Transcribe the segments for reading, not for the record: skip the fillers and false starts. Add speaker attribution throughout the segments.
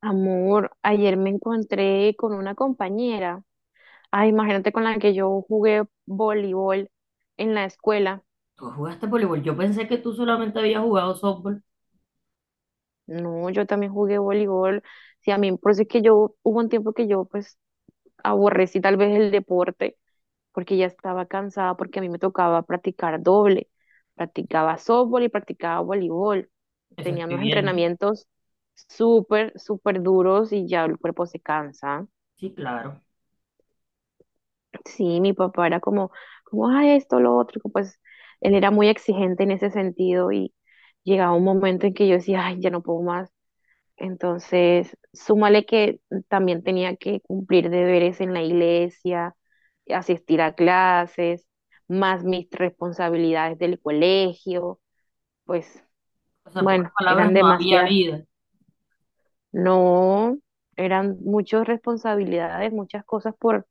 Speaker 1: Amor, ayer me encontré con una compañera. Ay, imagínate con la que yo jugué voleibol en la escuela.
Speaker 2: Tú jugaste voleibol. Yo pensé que tú solamente habías jugado softball.
Speaker 1: No, yo también jugué voleibol. Sí, a mí, por eso es que yo, hubo un tiempo que yo pues aborrecí tal vez el deporte porque ya estaba cansada porque a mí me tocaba practicar doble. Practicaba softball y practicaba voleibol.
Speaker 2: Eso
Speaker 1: Tenía
Speaker 2: estoy
Speaker 1: unos
Speaker 2: viendo.
Speaker 1: entrenamientos súper, súper duros y ya el cuerpo se cansa.
Speaker 2: Sí, claro.
Speaker 1: Sí, mi papá era como, como, esto, lo otro, que pues él era muy exigente en ese sentido y llegaba un momento en que yo decía, ay, ya no puedo más. Entonces, súmale que también tenía que cumplir deberes en la iglesia, asistir a clases, más mis responsabilidades del colegio, pues
Speaker 2: O sea, en
Speaker 1: bueno,
Speaker 2: pocas
Speaker 1: eran
Speaker 2: palabras, no había
Speaker 1: demasiadas.
Speaker 2: vida,
Speaker 1: No, eran muchas responsabilidades, muchas cosas por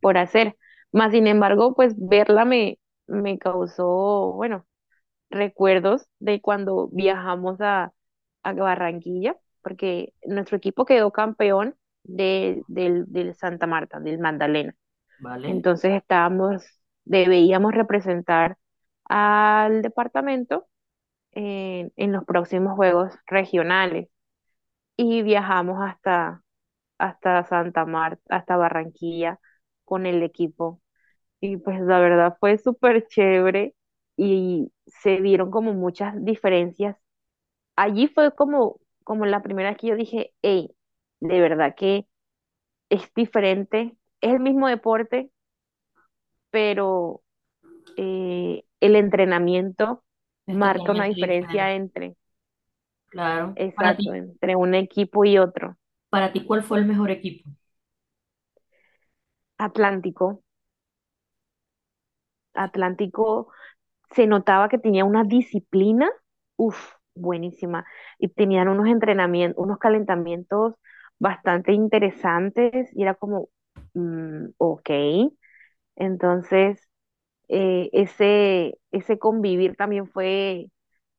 Speaker 1: por hacer. Más sin embargo, pues verla me, me causó, bueno, recuerdos de cuando viajamos a Barranquilla, porque nuestro equipo quedó campeón del Santa Marta, del Magdalena.
Speaker 2: ¿vale?
Speaker 1: Entonces estábamos, debíamos representar al departamento en los próximos juegos regionales y viajamos hasta Santa Marta, hasta Barranquilla con el equipo y pues la verdad fue súper chévere y se vieron como muchas diferencias. Allí fue como, como la primera vez que yo dije, hey, de verdad que es diferente, es el mismo deporte, pero el entrenamiento
Speaker 2: Es
Speaker 1: marca una
Speaker 2: totalmente diferente.
Speaker 1: diferencia entre,
Speaker 2: Claro. Para
Speaker 1: exacto,
Speaker 2: ti,
Speaker 1: entre un equipo y otro.
Speaker 2: para ti, ¿cuál fue el mejor equipo?
Speaker 1: Atlántico, Atlántico se notaba que tenía una disciplina, uff, buenísima. Y tenían unos entrenamientos, unos calentamientos bastante interesantes y era como, mm, ok. Entonces, ese convivir también fue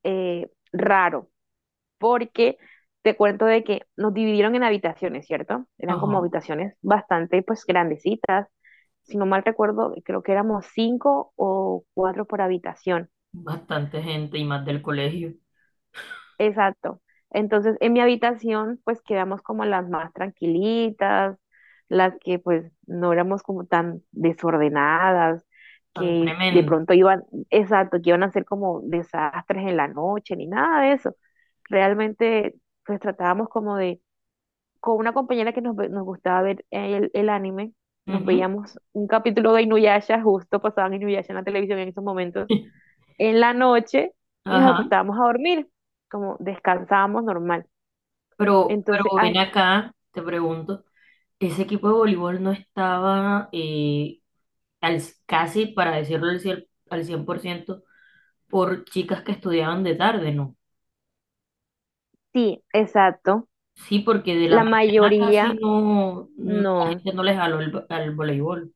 Speaker 1: raro, porque te cuento de que nos dividieron en habitaciones, ¿cierto? Eran
Speaker 2: Ajá.
Speaker 1: como habitaciones bastante, pues, grandecitas. Si no mal recuerdo, creo que éramos cinco o cuatro por habitación.
Speaker 2: Bastante gente y más del colegio.
Speaker 1: Exacto. Entonces, en mi habitación, pues quedamos como las más tranquilitas, las que pues no éramos como tan desordenadas,
Speaker 2: Tan
Speaker 1: que de
Speaker 2: tremendo.
Speaker 1: pronto iban, exacto, que iban a ser como desastres en la noche, ni nada de eso. Realmente, pues tratábamos como de, con una compañera que nos gustaba ver el anime, nos
Speaker 2: Ujú.
Speaker 1: veíamos un capítulo de Inuyasha, justo pasaban Inuyasha en la televisión en esos momentos en la noche y nos
Speaker 2: Ajá.
Speaker 1: acostábamos a dormir, como descansábamos normal.
Speaker 2: Pero
Speaker 1: Entonces,
Speaker 2: ven acá, te pregunto, ese equipo de voleibol no estaba casi, para decirlo al 100% por chicas que estudiaban de tarde, ¿no?
Speaker 1: sí, exacto.
Speaker 2: Sí, porque de la
Speaker 1: La
Speaker 2: mañana
Speaker 1: mayoría,
Speaker 2: casi la
Speaker 1: no,
Speaker 2: gente no les jaló al voleibol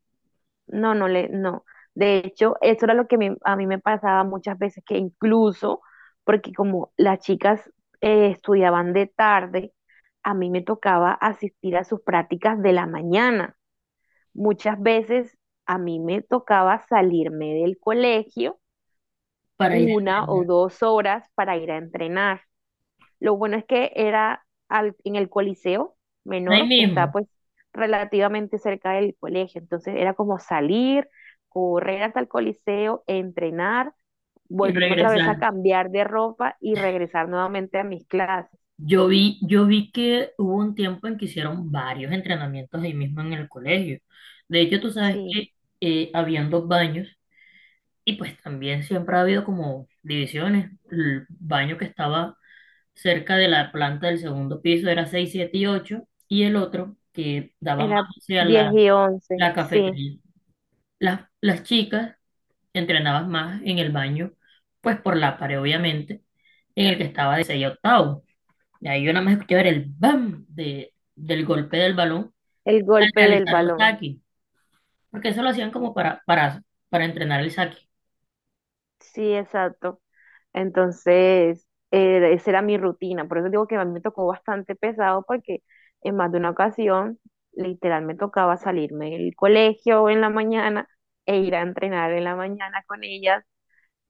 Speaker 1: no, no. De hecho, eso era lo a mí me pasaba muchas veces, que incluso, porque como las chicas estudiaban de tarde, a mí me tocaba asistir a sus prácticas de la mañana. Muchas veces a mí me tocaba salirme del colegio
Speaker 2: para ir a
Speaker 1: una o
Speaker 2: entrenar.
Speaker 1: dos horas para ir a entrenar. Lo bueno es que era en el Coliseo
Speaker 2: Ahí
Speaker 1: Menor, que está
Speaker 2: mismo
Speaker 1: pues relativamente cerca del colegio. Entonces era como salir, correr hasta el Coliseo, entrenar,
Speaker 2: y
Speaker 1: volverme otra vez a
Speaker 2: regresar.
Speaker 1: cambiar de ropa y regresar nuevamente a mis clases.
Speaker 2: Yo vi que hubo un tiempo en que hicieron varios entrenamientos ahí mismo en el colegio. De hecho, tú sabes
Speaker 1: Sí,
Speaker 2: que habían dos baños y pues también siempre ha habido como divisiones. El baño que estaba cerca de la planta del segundo piso era 6 7 y ocho, y el otro que daba más
Speaker 1: era
Speaker 2: hacia
Speaker 1: 10
Speaker 2: la,
Speaker 1: y once,
Speaker 2: la
Speaker 1: sí,
Speaker 2: cafetería, las chicas entrenabas más en el baño, pues por la pared, obviamente, en el que estaba de 6 a octavo. Y ahí yo nada más escuchaba el bam del golpe del balón
Speaker 1: el
Speaker 2: al
Speaker 1: golpe del
Speaker 2: realizar un
Speaker 1: balón.
Speaker 2: saque, porque eso lo hacían como para entrenar el saque.
Speaker 1: Sí, exacto. Entonces, esa era mi rutina. Por eso digo que a mí me tocó bastante pesado porque en más de una ocasión, literal, me tocaba salirme del colegio en la mañana e ir a entrenar en la mañana con ellas.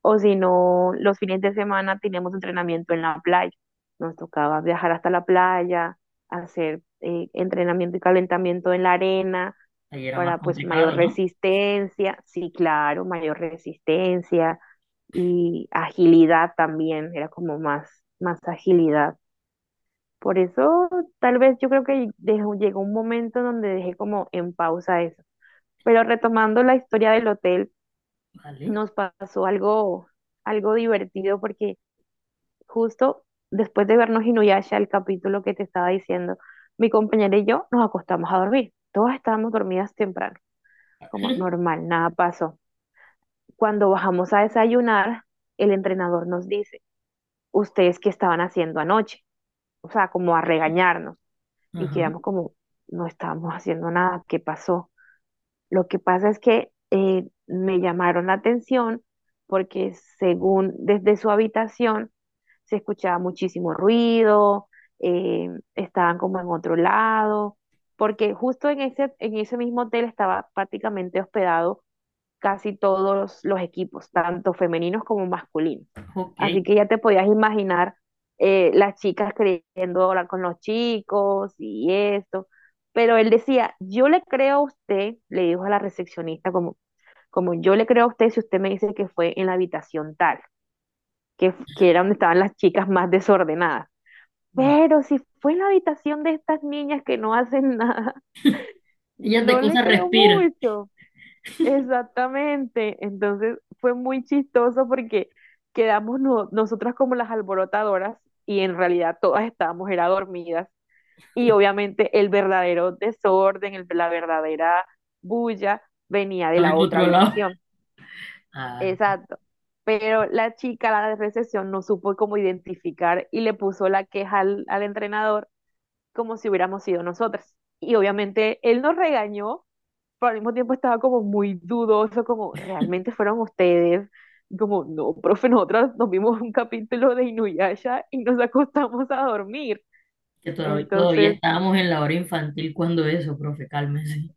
Speaker 1: O si no, los fines de semana teníamos entrenamiento en la playa. Nos tocaba viajar hasta la playa, hacer entrenamiento y calentamiento en la arena
Speaker 2: Ahí era más
Speaker 1: para pues mayor
Speaker 2: complicado, ¿no?
Speaker 1: resistencia, sí, claro, mayor resistencia y agilidad también, era como más, más agilidad. Por eso tal vez yo creo que llegó un momento donde dejé como en pausa eso. Pero retomando la historia del hotel,
Speaker 2: Vale.
Speaker 1: nos pasó algo, algo divertido porque justo después de vernos Inuyasha, el capítulo que te estaba diciendo, mi compañera y yo nos acostamos a dormir. Todas estábamos dormidas temprano, como normal, nada pasó. Cuando bajamos a desayunar, el entrenador nos dice, ¿ustedes qué estaban haciendo anoche? O sea, como a regañarnos. Y
Speaker 2: Ajá,
Speaker 1: quedamos como, no estábamos haciendo nada, ¿qué pasó? Lo que pasa es que me llamaron la atención porque, según, desde su habitación se escuchaba muchísimo ruido, eh, estaban como en otro lado, porque justo en ese mismo hotel estaba prácticamente hospedado casi todos los equipos, tanto femeninos como masculinos.
Speaker 2: ok.
Speaker 1: Así que ya te podías imaginar, las chicas queriendo hablar con los chicos y esto. Pero él decía, yo le creo a usted, le dijo a la recepcionista, como, como yo le creo a usted si usted me dice que fue en la habitación tal, que era donde estaban las chicas más desordenadas.
Speaker 2: Va.
Speaker 1: Pero si fue en la habitación de estas niñas que no hacen nada,
Speaker 2: Ellas de
Speaker 1: no le
Speaker 2: cosas
Speaker 1: creo
Speaker 2: respiran.
Speaker 1: mucho. Exactamente. Entonces fue muy chistoso porque quedamos nosotras como las alborotadoras y en realidad todas estábamos era dormidas. Y obviamente el verdadero desorden, la verdadera bulla venía de
Speaker 2: A mi
Speaker 1: la otra
Speaker 2: otro lado.
Speaker 1: habitación.
Speaker 2: Ah,
Speaker 1: Exacto. Pero la chica, la de recepción, no supo cómo identificar y le puso la queja al entrenador como si hubiéramos sido nosotras. Y obviamente él nos regañó, pero al mismo tiempo estaba como muy dudoso, como realmente fueron ustedes. Y como, no, profe, nosotras nos vimos un capítulo de Inuyasha y nos acostamos a dormir.
Speaker 2: que todavía, todavía
Speaker 1: Entonces,
Speaker 2: estábamos en la hora infantil cuando eso, profe, cálmese.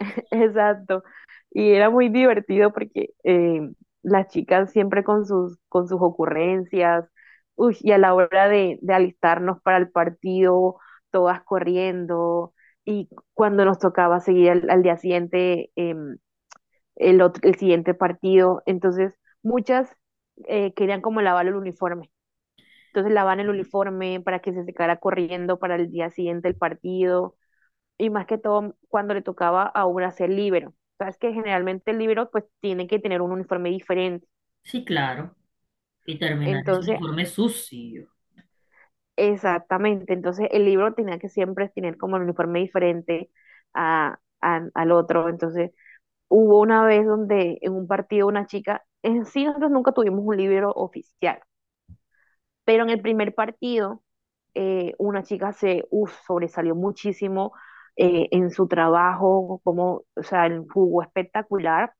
Speaker 1: exacto. Y era muy divertido porque las chicas siempre con sus ocurrencias, uy, y a la hora de alistarnos para el partido, todas corriendo, y cuando nos tocaba seguir al día siguiente, el siguiente partido. Entonces, muchas querían como lavar el uniforme. Entonces lavan el
Speaker 2: Sí,
Speaker 1: uniforme para que se secara corriendo para el día siguiente el partido. Y más que todo cuando le tocaba a una ser libero. Sabes que generalmente el libero pues tiene que tener un uniforme diferente.
Speaker 2: sí, claro. Y terminar ese
Speaker 1: Entonces,
Speaker 2: uniforme sucio.
Speaker 1: exactamente. Entonces el libro tenía que siempre tener como el uniforme diferente al otro. Entonces hubo una vez donde en un partido una chica, en sí nosotros nunca tuvimos un libero oficial. Pero en el primer partido, una chica se uf, sobresalió muchísimo en su trabajo, como, o sea, jugó espectacular.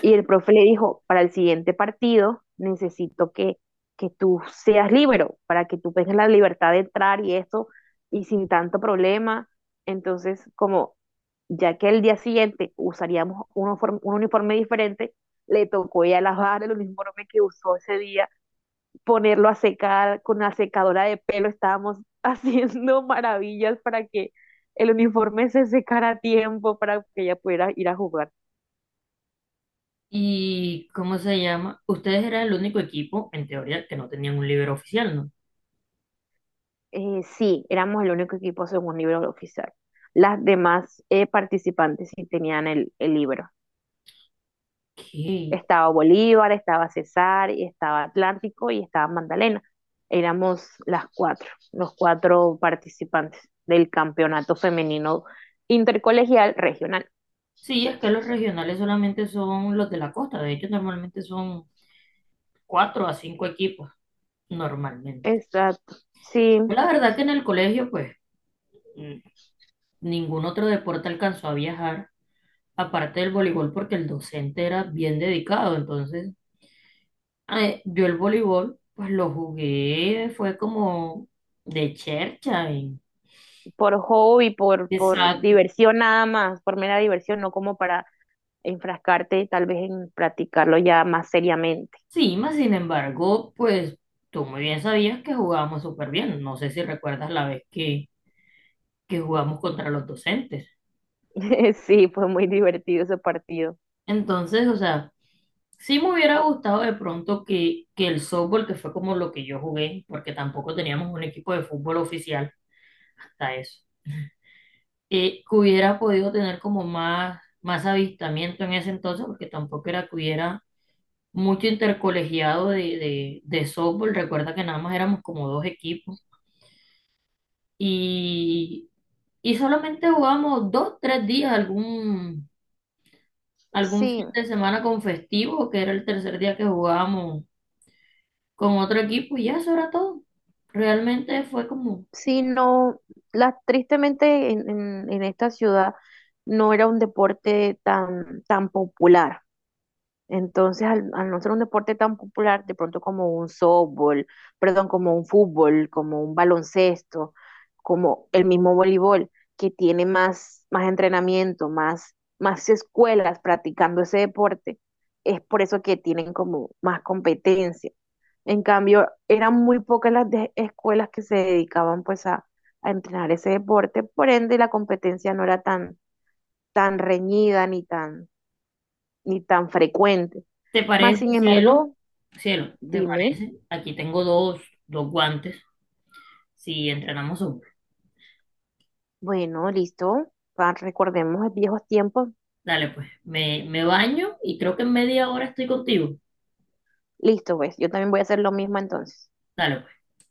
Speaker 1: Y el profe le dijo, para el siguiente partido necesito que tú seas libre, para que tú tengas la libertad de entrar y esto, y sin tanto problema. Entonces, como ya que el día siguiente usaríamos un uniforme diferente, le tocó ya lavar el uniforme que usó ese día, ponerlo a secar con la secadora de pelo, estábamos haciendo maravillas para que el uniforme se secara a tiempo para que ella pudiera ir a jugar.
Speaker 2: ¿Y cómo se llama? Ustedes eran el único equipo, en teoría, que no tenían un líder oficial, ¿no?
Speaker 1: Sí, éramos el único equipo según libro oficial. Las demás, participantes sí tenían el libro.
Speaker 2: ¿Qué?
Speaker 1: Estaba Bolívar, estaba César, y estaba Atlántico y estaba Magdalena. Éramos las cuatro, los cuatro participantes del campeonato femenino intercolegial regional.
Speaker 2: Sí, es que los regionales solamente son los de la costa. De hecho, normalmente son cuatro a cinco equipos, normalmente.
Speaker 1: Exacto. Sí,
Speaker 2: La verdad que en el colegio, pues, mm, ningún otro deporte alcanzó a viajar, aparte del voleibol, porque el docente era bien dedicado. Entonces, yo el voleibol, pues lo jugué, fue como de chercha
Speaker 1: por hobby, por
Speaker 2: Exacto.
Speaker 1: diversión nada más, por mera diversión, no como para enfrascarte tal vez en practicarlo ya más seriamente.
Speaker 2: Sí, más sin embargo, pues tú muy bien sabías que jugábamos súper bien. No sé si recuerdas la vez que jugamos contra los docentes.
Speaker 1: Sí, fue muy divertido ese partido.
Speaker 2: Entonces, o sea, sí me hubiera gustado de pronto que el softball, que fue como lo que yo jugué, porque tampoco teníamos un equipo de fútbol oficial hasta eso, que hubiera podido tener como más, más avistamiento en ese entonces, porque tampoco era que hubiera mucho intercolegiado de softball. Recuerda que nada más éramos como dos equipos. Y Y solamente jugamos dos, tres días, algún
Speaker 1: Sí,
Speaker 2: fin de semana con festivo, que era el tercer día que jugábamos con otro equipo, y ya eso era todo. Realmente fue como,
Speaker 1: sí, no, la, tristemente en esta ciudad no era un deporte tan, tan popular. Entonces, al no ser un deporte tan popular, de pronto como un softball, perdón, como un fútbol, como un baloncesto, como el mismo voleibol, que tiene más, más entrenamiento, más, más escuelas practicando ese deporte, es por eso que tienen como más competencia. En cambio, eran muy pocas escuelas que se dedicaban pues a entrenar ese deporte, por ende la competencia no era tan, tan reñida ni tan, ni tan frecuente.
Speaker 2: ¿te
Speaker 1: Más
Speaker 2: parece,
Speaker 1: sin
Speaker 2: cielo?
Speaker 1: embargo,
Speaker 2: Cielo, ¿te
Speaker 1: dime,
Speaker 2: parece? Aquí tengo dos, dos guantes, si entrenamos hombres.
Speaker 1: bueno, listo, recordemos los viejos tiempos.
Speaker 2: Dale, pues, me baño y creo que en media hora estoy contigo.
Speaker 1: Listo, pues, yo también voy a hacer lo mismo entonces.
Speaker 2: Dale, pues.